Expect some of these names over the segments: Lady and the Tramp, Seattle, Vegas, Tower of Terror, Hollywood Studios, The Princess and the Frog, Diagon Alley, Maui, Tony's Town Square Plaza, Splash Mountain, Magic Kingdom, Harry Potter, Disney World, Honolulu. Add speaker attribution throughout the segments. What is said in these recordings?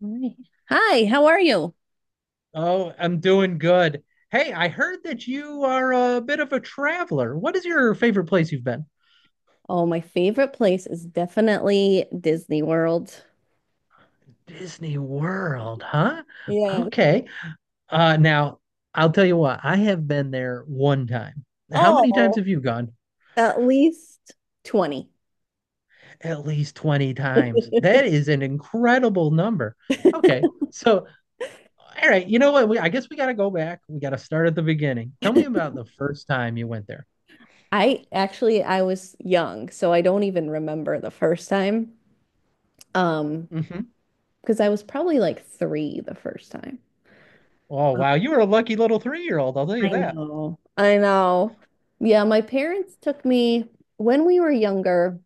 Speaker 1: Right. Hi, how are you?
Speaker 2: Oh, I'm doing good. Hey, I heard that you are a bit of a traveler. What is your favorite place you've been?
Speaker 1: Oh, my favorite place is definitely Disney World.
Speaker 2: Disney World, huh?
Speaker 1: Yeah.
Speaker 2: Okay. Now, I'll tell you what, I have been there one time. How many times
Speaker 1: Oh,
Speaker 2: have you gone?
Speaker 1: at least 20.
Speaker 2: At least 20 times. That is an incredible number. Okay. So, all right, you know what? I guess we got to go back. We got to start at the beginning. Tell me about the first time you went there.
Speaker 1: I was young, so I don't even remember the first time. Um,
Speaker 2: Hmm.
Speaker 1: because I was probably like three the first time.
Speaker 2: Oh, wow. You were a lucky little 3-year-old, I'll tell
Speaker 1: I
Speaker 2: you that.
Speaker 1: know. I know. Yeah, my parents took me when we were younger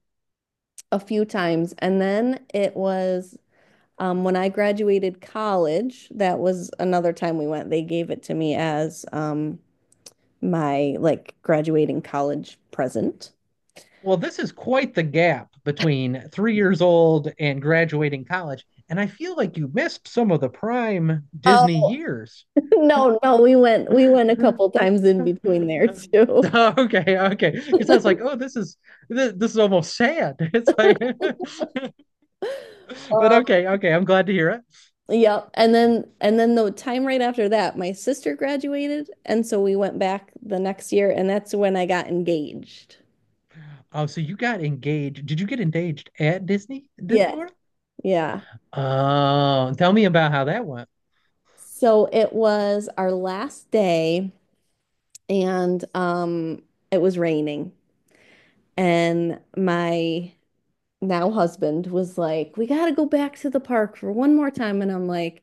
Speaker 1: a few times, and then it was when I graduated college, that was another time we went. They gave it to me as my like graduating college present.
Speaker 2: Well, this is quite the gap between 3 years old and graduating college, and I feel like you missed some of the prime Disney
Speaker 1: Oh,
Speaker 2: years.
Speaker 1: no, we went a couple times in between there too.
Speaker 2: Okay, okay. Because I was like, oh, this is this, this is almost sad. It's like, but
Speaker 1: Um,
Speaker 2: okay, okay. I'm glad to hear it.
Speaker 1: yep. And then the time right after that, my sister graduated, and so we went back the next year, and that's when I got engaged.
Speaker 2: Oh, so you got engaged? Did you get engaged at Disney
Speaker 1: Yeah,
Speaker 2: World?
Speaker 1: yeah.
Speaker 2: Oh, tell me about how that went.
Speaker 1: So it was our last day, and it was raining. And my now husband was like, "We got to go back to the park for one more time." And I'm like,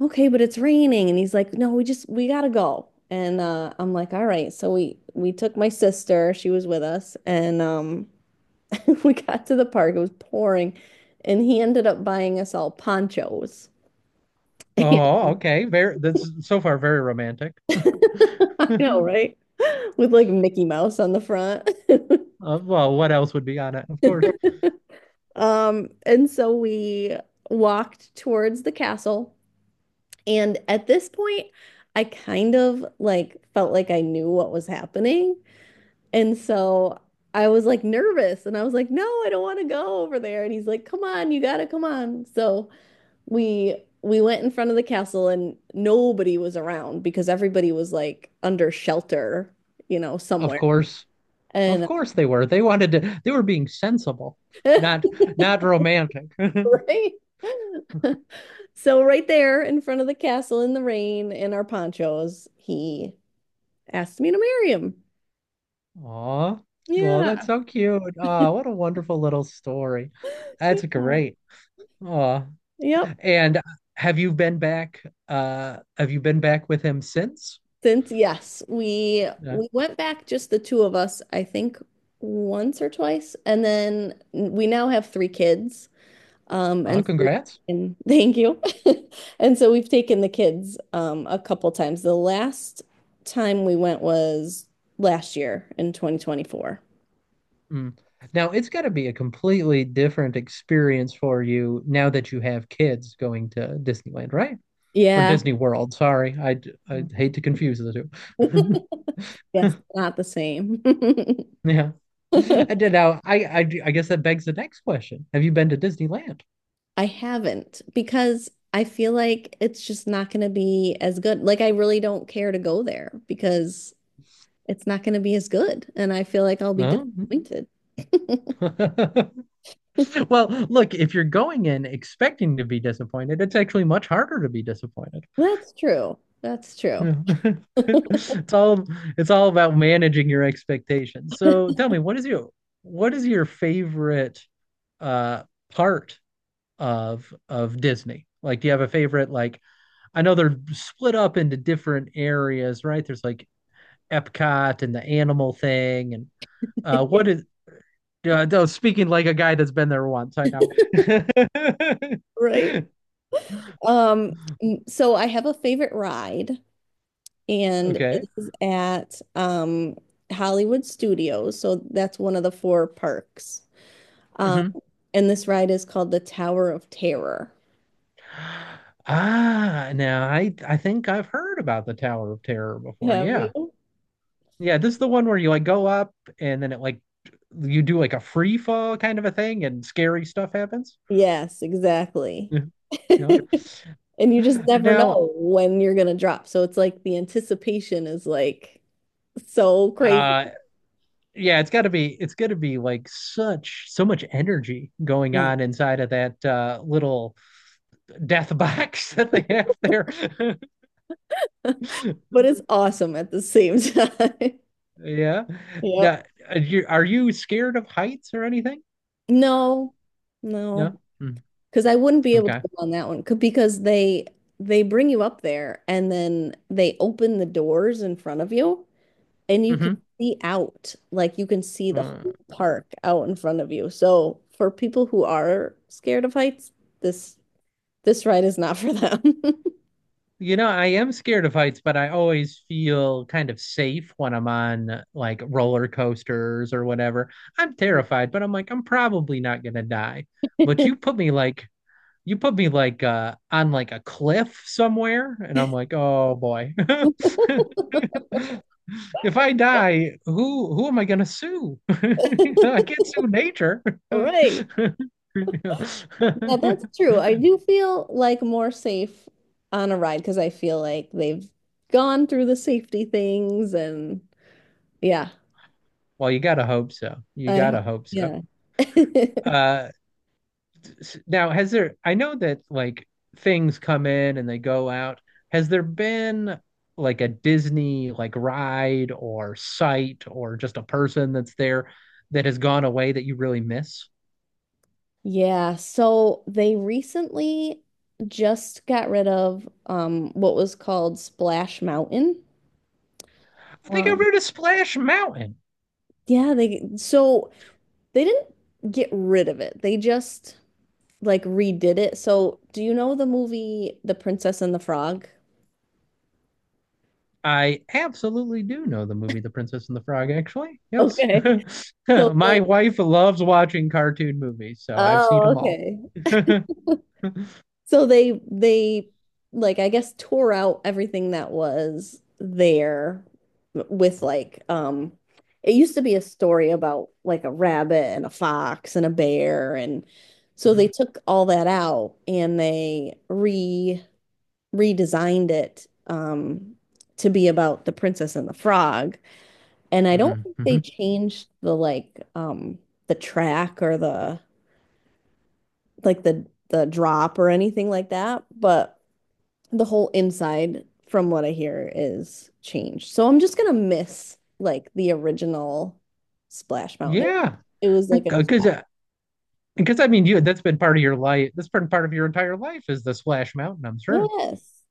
Speaker 1: "Okay, but it's raining." And he's like, "No, we got to go." And I'm like, "All right." So we took my sister, she was with us, and we got to the park. It was pouring. And he ended up buying us all ponchos. I
Speaker 2: Oh, okay. Very. That's so far very romantic.
Speaker 1: know, right? With like Mickey Mouse on the front.
Speaker 2: Well, what else would be on it?
Speaker 1: And so we walked towards the castle. And at this point, I kind of like felt like I knew what was happening. And so I was like nervous and I was like, no, I don't want to go over there. And he's like, come on, you gotta come on. So we went in front of the castle and nobody was around because everybody was like under shelter, you know,
Speaker 2: Of
Speaker 1: somewhere.
Speaker 2: course, of
Speaker 1: And
Speaker 2: course they were. They wanted to. They were being sensible, not not romantic.
Speaker 1: right. So right there in front of the castle in the rain in our ponchos, he asked me to marry him.
Speaker 2: Aw, well, that's
Speaker 1: Yeah.
Speaker 2: so cute. Ah, what a wonderful little story.
Speaker 1: Yeah.
Speaker 2: That's great. Aw,
Speaker 1: Yep.
Speaker 2: and have you been back? Have you been back with him since?
Speaker 1: Since yes, we
Speaker 2: Yeah.
Speaker 1: we went back just the two of us, I think once or twice, and then we now have three kids.
Speaker 2: Ah,
Speaker 1: And so-
Speaker 2: congrats.
Speaker 1: and thank you. And so we've taken the kids a couple times. The last time we went was last year in 2024.
Speaker 2: Mm. Now it's got to be a completely different experience for you now that you have kids going to Disneyland, right? Or
Speaker 1: Yeah.
Speaker 2: Disney World. Sorry, I hate to confuse the two.
Speaker 1: Yes, not the same.
Speaker 2: Yeah, I did. Now, I guess that begs the next question: Have you been to Disneyland?
Speaker 1: I haven't because I feel like it's just not going to be as good. Like, I really don't care to go there because it's not going to be as good. And I feel like I'll be
Speaker 2: No.
Speaker 1: disappointed.
Speaker 2: Well, look, if you're going in expecting to be disappointed, it's actually much harder to be disappointed.
Speaker 1: That's true. That's true.
Speaker 2: Yeah. it's all it's all about managing your expectations. So tell me, what is your favorite uh part of Disney? Like, do you have a favorite, like, I know they're split up into different areas, right? There's like Epcot and the animal thing, and what is? No, speaking like a guy that's been there once. I know.
Speaker 1: Right. Um, so I have a favorite ride, and
Speaker 2: Okay.
Speaker 1: it is at Hollywood Studios. So that's one of the four parks. Um,
Speaker 2: Hmm.
Speaker 1: and this ride is called the Tower of Terror.
Speaker 2: Ah, now I think I've heard about the Tower of Terror before.
Speaker 1: Have
Speaker 2: Yeah,
Speaker 1: you?
Speaker 2: yeah. This is the one where you like go up and then it like you do like a free fall kind of a thing, and scary stuff happens.
Speaker 1: Yes, exactly.
Speaker 2: Yeah. Yeah.
Speaker 1: And you just never
Speaker 2: Now,
Speaker 1: know when you're gonna drop. So it's like the anticipation is like so crazy.
Speaker 2: uh, yeah, it's got to be like such so much energy going
Speaker 1: Yeah.
Speaker 2: on inside of that little death box that they have there.
Speaker 1: But it's awesome at the same time.
Speaker 2: Yeah.
Speaker 1: Yep.
Speaker 2: Are you scared of heights or anything?
Speaker 1: No, no.
Speaker 2: No. Mm,
Speaker 1: Because I wouldn't be able to
Speaker 2: okay.
Speaker 1: go on that one because they bring you up there and then they open the doors in front of you and you can
Speaker 2: Hmm.
Speaker 1: see out. Like you can see the
Speaker 2: Uh,
Speaker 1: whole park out in front of you. So for people who are scared of heights, this this ride is not for them.
Speaker 2: I am scared of heights, but I always feel kind of safe when I'm on like roller coasters or whatever. I'm terrified, but I'm like, I'm probably not gonna die. But you put me like you put me like on like a cliff somewhere and I'm like, oh boy. If I die, who am I gonna sue? I can't sue nature.
Speaker 1: Right. Yeah,
Speaker 2: Yeah.
Speaker 1: that's true. I do feel like more safe on a ride because I feel like they've gone through the safety things and yeah,
Speaker 2: Well, you gotta hope so, you
Speaker 1: I hope.
Speaker 2: gotta hope so
Speaker 1: Yeah.
Speaker 2: uh Now, I know that, like, things come in and they go out. Has there been like a Disney like ride or site or just a person that's there that has gone away that you really miss?
Speaker 1: Yeah, so they recently just got rid of what was called Splash Mountain.
Speaker 2: I think I
Speaker 1: Wow.
Speaker 2: rode a Splash Mountain.
Speaker 1: Yeah, they so they didn't get rid of it. They just like redid it. So, do you know the movie The Princess and the Frog?
Speaker 2: I absolutely do know the movie The Princess and the Frog, actually. Yes.
Speaker 1: Okay. So they,
Speaker 2: My wife loves watching cartoon movies, so I've seen
Speaker 1: oh,
Speaker 2: them all.
Speaker 1: okay. So they like I guess tore out everything that was there with like it used to be a story about like a rabbit and a fox and a bear and so they took all that out and they re redesigned it to be about the princess and the frog. And I don't
Speaker 2: Mhm.
Speaker 1: think they
Speaker 2: Mhm.
Speaker 1: changed the like the track or the like the drop or anything like that, but the whole inside, from what I hear, is changed. So I'm just gonna miss like the original Splash Mountain.
Speaker 2: Yeah,
Speaker 1: It was like a
Speaker 2: because Because I mean, you that's been part of your life. That's been part of your entire life is the Splash Mountain, I'm sure.
Speaker 1: yes.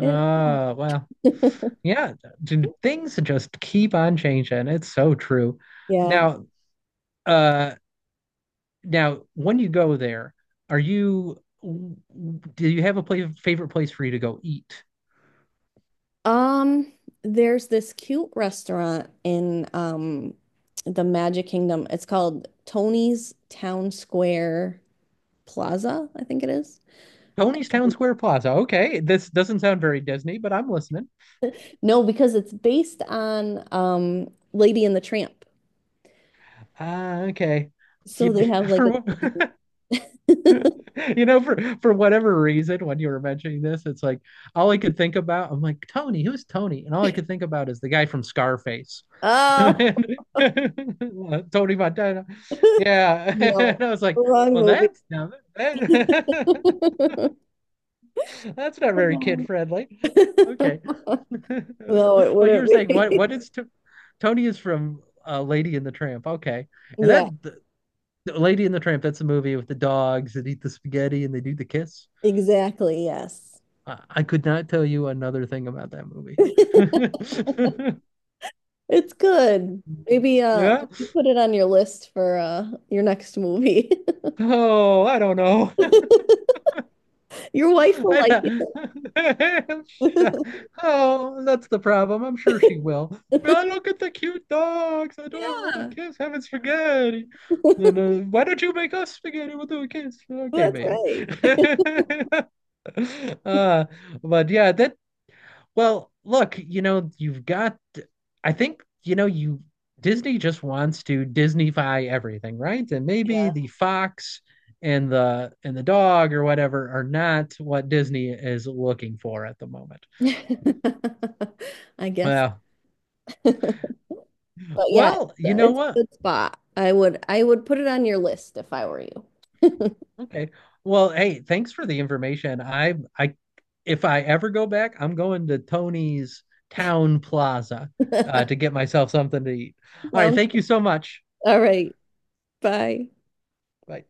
Speaker 1: It-
Speaker 2: Well, yeah, things just keep on changing. It's so true.
Speaker 1: yeah.
Speaker 2: Now, uh, now when you go there, are you w- w- do you have favorite place for you to go eat?
Speaker 1: Um, there's this cute restaurant in the Magic Kingdom. It's called Tony's Town Square Plaza, I think it is.
Speaker 2: Tony's Town Square Plaza. Okay, this doesn't sound very Disney, but I'm listening.
Speaker 1: No, because it's based on Lady and the Tramp.
Speaker 2: Ah, okay.
Speaker 1: So
Speaker 2: You-
Speaker 1: they have like
Speaker 2: for
Speaker 1: a
Speaker 2: what? You know, for for whatever reason, when you were mentioning this, it's like all I could think about. I'm like, Tony, who's Tony? And all I could think about is the guy from Scarface,
Speaker 1: oh
Speaker 2: and, Tony Montana. Yeah,
Speaker 1: no,
Speaker 2: and I was like,
Speaker 1: wrong
Speaker 2: well,
Speaker 1: movie.
Speaker 2: that's not that, that's not very
Speaker 1: Oh.
Speaker 2: kid friendly. Okay,
Speaker 1: No, it
Speaker 2: but you
Speaker 1: wouldn't
Speaker 2: were saying what?
Speaker 1: be.
Speaker 2: What is Tony is from Lady and the Tramp? Okay, and that,
Speaker 1: Yeah,
Speaker 2: the Lady and the Tramp. That's a movie with the dogs that eat the spaghetti and they do the kiss.
Speaker 1: exactly. Yes.
Speaker 2: I could not tell you another thing about that movie.
Speaker 1: It's good. Maybe
Speaker 2: Yeah.
Speaker 1: maybe put it on your list for your next movie.
Speaker 2: Oh, I don't know.
Speaker 1: Your wife will
Speaker 2: I
Speaker 1: like
Speaker 2: don't- Oh, that's the problem. I'm sure she will.
Speaker 1: it.
Speaker 2: Oh, look at the cute dogs. I do a little to
Speaker 1: Yeah.
Speaker 2: kiss having spaghetti. Then why don't you make us spaghetti? We'll do a kiss. Okay,
Speaker 1: That's
Speaker 2: baby.
Speaker 1: right.
Speaker 2: Uh, but yeah, that well, look, you've got, I think, you know, you Disney just wants to Disneyfy everything, right? And maybe
Speaker 1: Yeah.
Speaker 2: the fox and the dog or whatever are not what Disney is looking for at the moment.
Speaker 1: I guess.
Speaker 2: Well,
Speaker 1: But yeah,
Speaker 2: you know
Speaker 1: it's a
Speaker 2: what?
Speaker 1: good spot. I would put it on your list if I were you.
Speaker 2: Okay. Well, hey, thanks for the information. I If I ever go back, I'm going to Tony's Town Plaza to get myself something to eat. All right,
Speaker 1: Sounds
Speaker 2: thank you so much.
Speaker 1: all right. Bye.
Speaker 2: Bye.